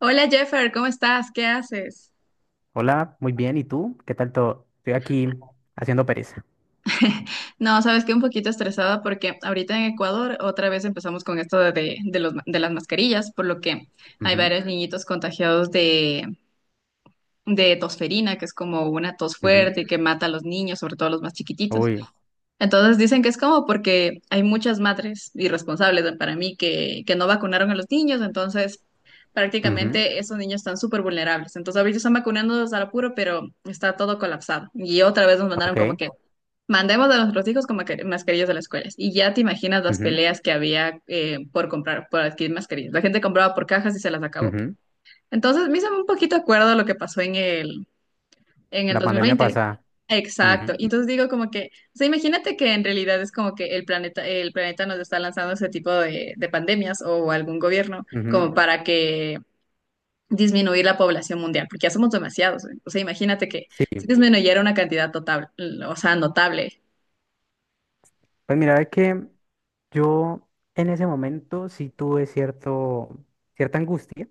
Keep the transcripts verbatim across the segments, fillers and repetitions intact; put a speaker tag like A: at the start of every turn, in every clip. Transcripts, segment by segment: A: Hola Jeffer, ¿cómo estás? ¿Qué haces?
B: Hola, muy bien. ¿Y tú? ¿Qué tal todo? Estoy aquí haciendo pereza.
A: No, sabes que un poquito estresada porque ahorita en Ecuador otra vez empezamos con esto de, de los, de las mascarillas, por lo que hay
B: Ujú,
A: varios niñitos contagiados de, de tosferina, que es como una tos
B: ujú.
A: fuerte y que mata a los niños, sobre todo a los más chiquititos.
B: Uy,
A: Entonces dicen que es como porque hay muchas madres irresponsables para mí que, que no vacunaron a los niños, entonces
B: ujú,
A: prácticamente esos niños están súper vulnerables. Entonces ahorita están vacunándolos al apuro, pero está todo colapsado. Y otra vez nos mandaron como
B: ok.
A: que mandemos a nuestros hijos con maca- mascarillas a las escuelas. Y ya te imaginas las
B: Ujú,
A: peleas que había eh, por comprar, por adquirir mascarillas. La gente compraba por cajas y se las acabó.
B: ujú.
A: Entonces, me hizo un poquito acuerdo a lo que pasó en el, en el
B: La pandemia
A: dos mil veinte.
B: pasa.
A: Exacto. Y entonces digo como que, o sea, imagínate que en realidad es como que el planeta, el planeta nos está lanzando ese tipo de, de pandemias o algún gobierno
B: Ujú, ujú.
A: como para que disminuir la población mundial, porque ya somos demasiados. ¿Eh? O sea, imagínate que
B: Sí,
A: si disminuyera una cantidad total, o sea, notable.
B: pues mira, es que yo en ese momento sí tuve cierto, cierta angustia.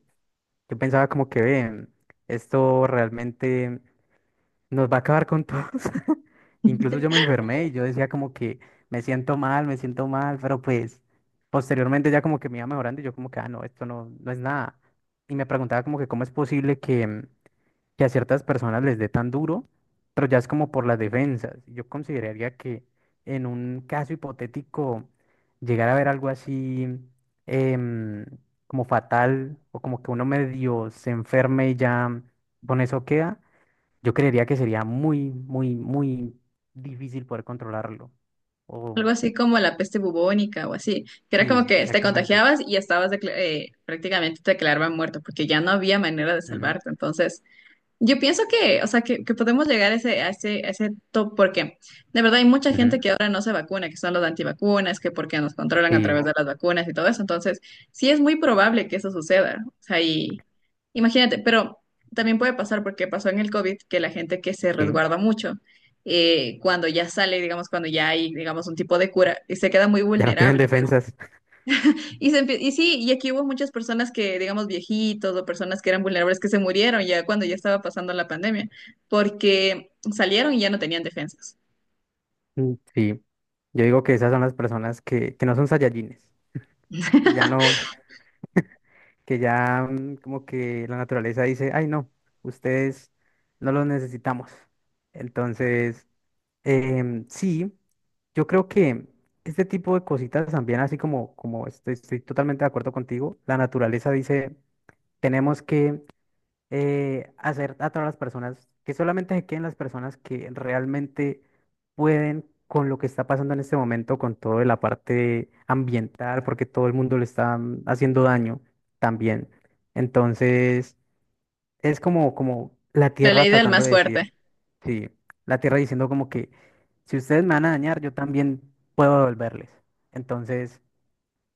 B: Yo pensaba como que, "Ven, esto realmente nos va a acabar con todos". Incluso yo me enfermé y yo decía como que me siento mal, me siento mal, pero pues posteriormente ya como que me iba mejorando y yo como que, ah, no, esto no, no es nada. Y me preguntaba como que cómo es posible que, que a ciertas personas les dé tan duro, pero ya es como por las defensas. Yo consideraría que en un caso hipotético llegar a ver algo así em, como fatal, o como que uno medio se enferme y ya con eso queda. Yo creería que sería muy, muy, muy difícil poder controlarlo. O,
A: Algo así como la peste bubónica o así, que era
B: sí,
A: como que te
B: exactamente.
A: contagiabas y estabas decla- eh, prácticamente te declaraban muerto porque ya no había manera de
B: Ujú,
A: salvarte. Entonces, yo pienso que, o sea, que, que podemos llegar a ese, a ese, a ese top porque de verdad hay mucha gente
B: ujú,
A: que ahora no se vacuna, que son los antivacunas, que porque nos controlan a
B: sí,
A: través de las vacunas y todo eso. Entonces, sí es muy probable que eso suceda. O sea, y imagínate, pero también puede pasar porque pasó en el COVID que la gente que se
B: sí.
A: resguarda mucho, eh, cuando ya sale, digamos, cuando ya hay, digamos, un tipo de cura, y se queda muy
B: Ya no tienen
A: vulnerable.
B: defensas.
A: Y, se empie- y sí, y aquí hubo muchas personas que, digamos, viejitos o personas que eran vulnerables que se murieron ya cuando ya estaba pasando la pandemia, porque salieron y ya no tenían defensas.
B: Mm, sí. Yo digo que esas son las personas que, que no son Saiyajines, que ya no. Que ya mm, como que la naturaleza dice, ay no, ustedes no los necesitamos. Entonces, Em, sí, yo creo que este tipo de cositas también, así como, como estoy, estoy totalmente de acuerdo contigo, la naturaleza dice, tenemos que eh, hacer a todas las personas, que solamente se queden las personas que realmente pueden con lo que está pasando en este momento, con toda la parte ambiental, porque todo el mundo le está mm, haciendo daño también. Entonces, es como, como la
A: La
B: tierra
A: ley del
B: tratando
A: más
B: de decir.
A: fuerte.
B: Sí, la tierra diciendo como que si ustedes me van a dañar, yo también puedo devolverles. Entonces,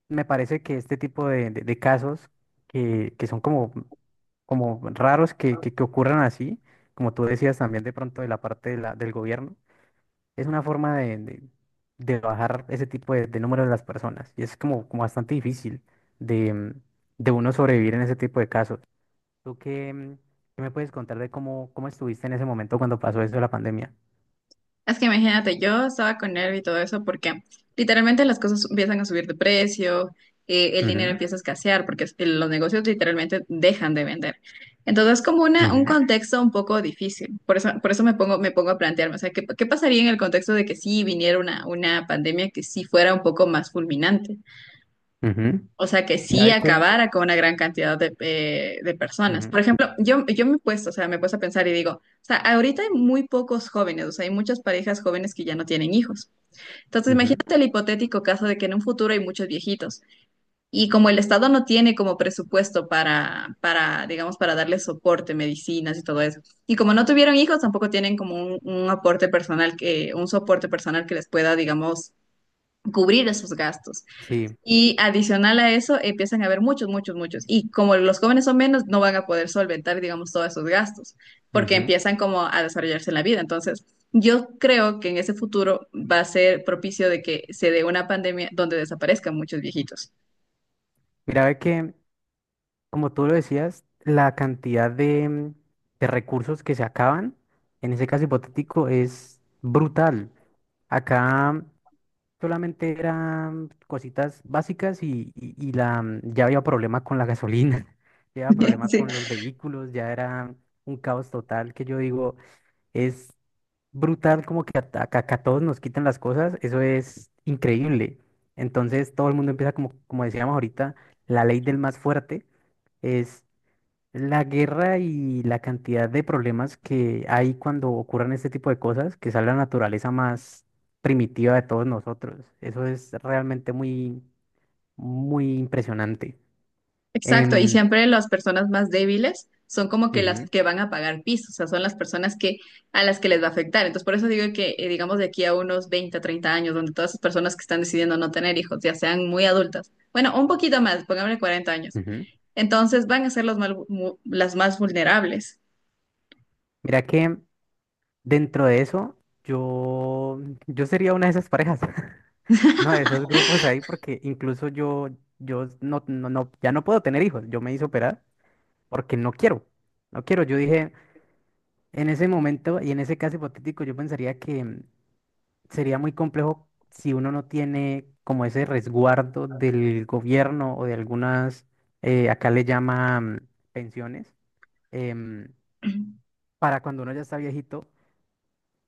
B: me parece que este tipo de, de- de casos que, que son como, como raros que, que, que ocurran así, como tú decías también de pronto de la parte de la- del gobierno, es una forma de, de- de bajar ese tipo de, de número de las personas. Y es como, como bastante difícil de, mm, de uno sobrevivir en ese tipo de casos. ¿Tú qué, mm, qué me puedes contar de cómo, cómo estuviste en ese momento cuando pasó eso de la pandemia?
A: Es que imagínate, yo estaba con nervio y todo eso porque literalmente las cosas empiezan a subir de precio, eh, el dinero
B: Ujú,
A: empieza a escasear porque es- los negocios literalmente dejan de vender. Entonces es como una, un
B: ujú,
A: contexto un poco difícil. Por eso, por eso me pongo, me pongo a plantearme, o sea, ¿qué, ¿qué pasaría en el contexto de que sí viniera una, una pandemia que sí fuera un poco más fulminante?
B: ujú.
A: O sea, que
B: Mira,
A: sí
B: ve que,
A: acabara con una gran cantidad de, eh, de personas. Por
B: ujú,
A: ejemplo, yo, yo me he puesto, o sea, me he puesto a pensar y digo, o sea, ahorita hay muy pocos jóvenes, o sea, hay muchas parejas jóvenes que ya no tienen hijos. Entonces,
B: ujú,
A: imagínate el hipotético caso de que en un futuro hay muchos viejitos y como el Estado no tiene como presupuesto para, para, digamos, para darle soporte, medicinas y todo eso, y como no tuvieron hijos, tampoco tienen como un, un aporte personal que, un soporte personal que les pueda, digamos, cubrir esos gastos.
B: sí,
A: Y adicional a eso, empiezan a haber muchos, muchos, muchos. Y como los jóvenes son menos, no van a poder solventar, digamos, todos esos gastos, porque
B: ujú.
A: empiezan como a desarrollarse en la vida. Entonces, yo creo que en ese futuro va a ser propicio de que se dé una pandemia donde desaparezcan muchos viejitos.
B: Mira, ve que, como tú lo decías, la cantidad de, mm, de recursos que se acaban, en ese caso hipotético, es brutal. Acá solamente eran cositas básicas y, y- y la, mm, ya había problema con la gasolina, ya había problema
A: Sí.
B: con los vehículos, ya era un caos total que yo digo, es brutal, como que a, a- que a todos nos quitan las cosas, eso es increíble. Entonces todo el mundo empieza como, como decíamos ahorita, la ley del más fuerte es la guerra, y la cantidad de problemas que hay cuando ocurren este tipo de cosas, que sale la naturaleza más primitiva de todos nosotros. Eso es realmente muy, muy impresionante.
A: Exacto, y
B: Em,
A: siempre las personas más débiles son como que las
B: ujú,
A: que van a pagar piso, o sea, son las personas que a las que les va a afectar. Entonces, por eso digo que, eh, digamos, de aquí a unos veinte, treinta años, donde todas esas personas que están decidiendo no tener hijos, ya sean muy adultas, bueno, un poquito más, pongámosle cuarenta años,
B: ujú.
A: entonces van a ser los mal- mu- las más vulnerables.
B: Mira que dentro de eso, yo, yo sería una de esas parejas. Uno de esos grupos ahí porque incluso yo, yo no, no, no, ya no puedo tener hijos. Yo me hice operar porque no quiero. No quiero. Yo dije, en ese momento y en ese caso hipotético, yo pensaría que mm, sería muy complejo si uno no tiene como ese resguardo del gobierno o de algunas, eh, acá le llaman pensiones, em, para cuando uno ya está viejito.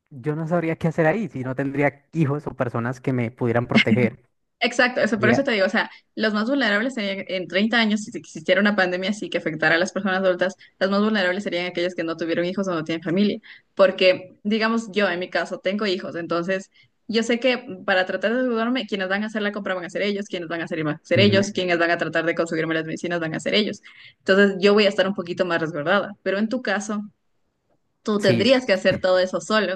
B: Yo no sabría qué hacer ahí si no tendría hijos o personas que me pudieran proteger.
A: Exacto, eso, por eso
B: Diría,
A: te digo, o sea, los más vulnerables serían en treinta años, si existiera una pandemia así que afectara a las personas adultas, los más vulnerables serían aquellos que no tuvieron hijos o no tienen familia, porque, digamos, yo en mi caso tengo hijos, entonces yo sé que para tratar de ayudarme, quienes van a hacer la compra van a ser ellos, quienes van a hacer van a ser ellos,
B: "Ujú,
A: quienes van a tratar de conseguirme las medicinas van a ser ellos. Entonces yo voy a estar un poquito más resguardada, pero en tu caso, tú
B: sí.
A: tendrías que hacer todo eso solo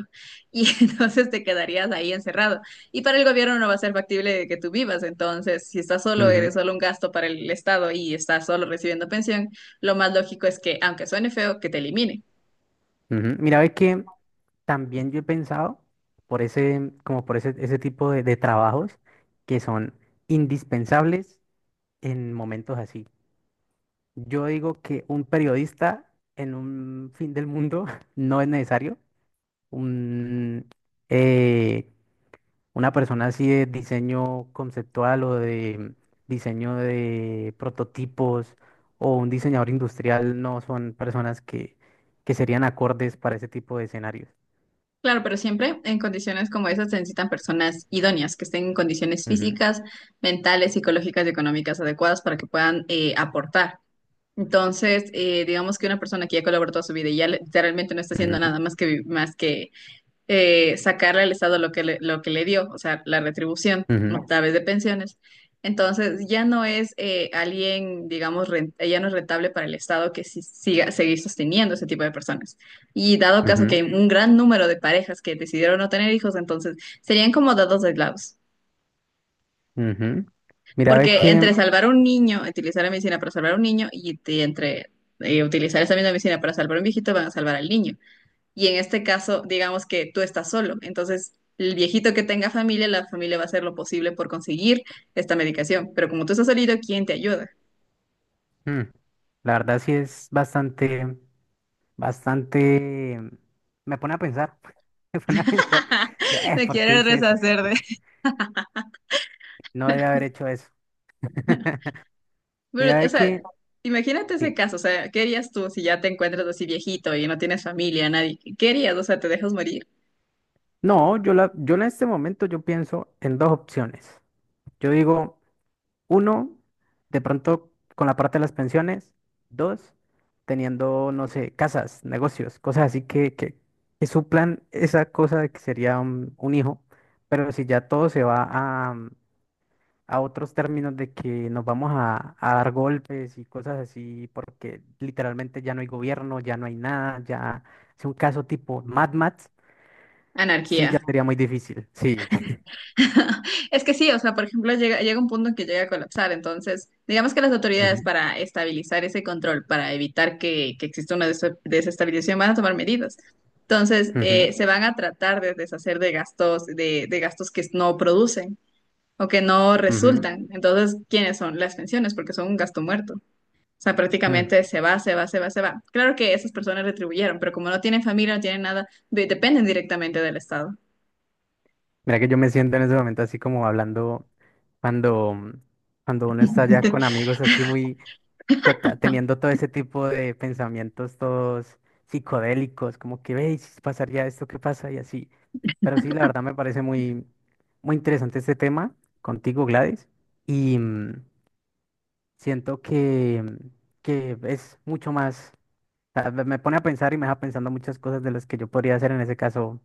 A: y entonces te quedarías ahí encerrado. Y para el gobierno no va a ser factible que tú vivas, entonces si estás solo, eres
B: Ujú".
A: solo un gasto para el Estado y estás solo recibiendo pensión, lo más lógico es que, aunque suene feo, que te elimine.
B: Ujú. Mira, ves que también yo he pensado por ese, como por ese, ese tipo de, de trabajos que son indispensables en momentos así. Yo digo que un periodista en un fin del mundo no es necesario. Un, eh, una persona así de diseño conceptual o de diseño de prototipos, o un diseñador industrial, no son personas que, que serían acordes para ese tipo de escenarios.
A: Claro, pero siempre en condiciones como esas se necesitan personas idóneas, que estén en condiciones
B: Ujú.
A: físicas, mentales, psicológicas y económicas adecuadas para que puedan eh, aportar. Entonces, eh, digamos que una persona que ya colaboró toda su vida y ya le- literalmente no está haciendo
B: Ujú,
A: nada más que, vi- más que eh, sacarle al Estado lo que le, lo que le dio, o sea, la retribución ¿no?
B: ujú,
A: A través de pensiones. Entonces, ya no es eh, alguien, digamos, ren- ya no es rentable para el Estado que si- siga seguir sosteniendo ese tipo de personas. Y dado caso que
B: ujú,
A: hay un gran número de parejas que decidieron no tener hijos, entonces serían como dados aislados.
B: ujú. Mira, ve
A: Porque
B: que
A: entre salvar a un niño, utilizar la medicina para salvar a un niño y, y entre eh, utilizar esa misma medicina para salvar a un viejito, van a salvar al niño. Y en este caso, digamos que tú estás solo. Entonces, el viejito que tenga familia, la familia va a hacer lo posible por conseguir esta medicación. Pero como tú estás solito, ¿quién te ayuda?
B: mm, la verdad sí es bastante, bastante, me pone a pensar. Me pone a pensar, yo, eh,
A: Me
B: ¿por qué
A: quiero
B: hice eso?
A: deshacer de...
B: No debía haber hecho eso. Mira,
A: Pero, o
B: ve
A: sea,
B: que,
A: imagínate ese
B: sí.
A: caso. O sea, ¿qué harías tú si ya te encuentras así viejito y no tienes familia, nadie? ¿Qué harías? O sea, ¿te dejas morir?
B: No, yo la, yo en este momento yo pienso en dos opciones. Yo digo, uno, de pronto con la parte de las pensiones. Dos, teniendo, no sé, casas, negocios, cosas así que, que, que suplan esa cosa de que sería un, un hijo. Pero si ya todo se va a, mm, a otros términos de que nos vamos a, a dar golpes y cosas así, porque literalmente ya no hay gobierno, ya no hay nada, ya es un caso tipo Mad Max, sí ya
A: Anarquía.
B: sería muy difícil. Sí.
A: Es que sí, o sea, por ejemplo, llega, llega un punto en que llega a colapsar, entonces, digamos que las autoridades
B: Ujú,
A: para estabilizar ese control, para evitar que, que exista una des- desestabilización, van a tomar medidas. Entonces,
B: ujú,
A: eh, se van a tratar de deshacer de gastos, de, de gastos que no producen o que no
B: ujú,
A: resultan. Entonces, ¿quiénes son? Las pensiones, porque son un gasto muerto. O sea,
B: ujú.
A: prácticamente se va, se va, se va, se va. Claro que esas personas retribuyeron, pero como no tienen familia, no tienen nada, de- dependen directamente del Estado.
B: Mira que yo me siento en ese momento así como hablando cuando, cuando uno está ya con amigos así muy cota- teniendo todo ese tipo de pensamientos todos psicodélicos, como que veis, si pasaría esto, ¿qué pasa? Y así. Pero sí, la verdad me parece muy, muy interesante este tema contigo, Gladys. Y mm, siento que, mm, que es mucho más, o sea, me me pone a pensar y me deja pensando muchas cosas de las que yo podría hacer en ese caso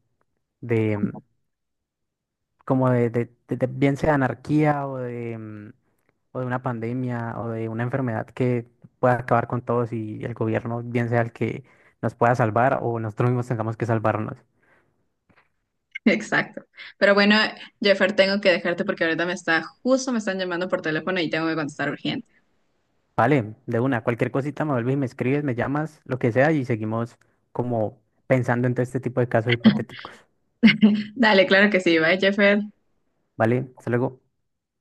B: como de, de- de- de- bien sea anarquía, o de, mm, o de una pandemia, o de una enfermedad que pueda acabar con todos, y el gobierno bien sea el que nos pueda salvar, o nosotros mismos tengamos que salvarnos.
A: Exacto. Pero bueno, Jeffer, tengo que dejarte porque ahorita me está, justo me están llamando por teléfono y tengo que contestar urgente.
B: Vale, de una, cualquier cosita me vuelves y me escribes, me llamas, lo que sea, y seguimos como pensando en todo este tipo de casos hipotéticos.
A: Dale, claro que sí. Bye, Jeffer.
B: Vale, hasta luego.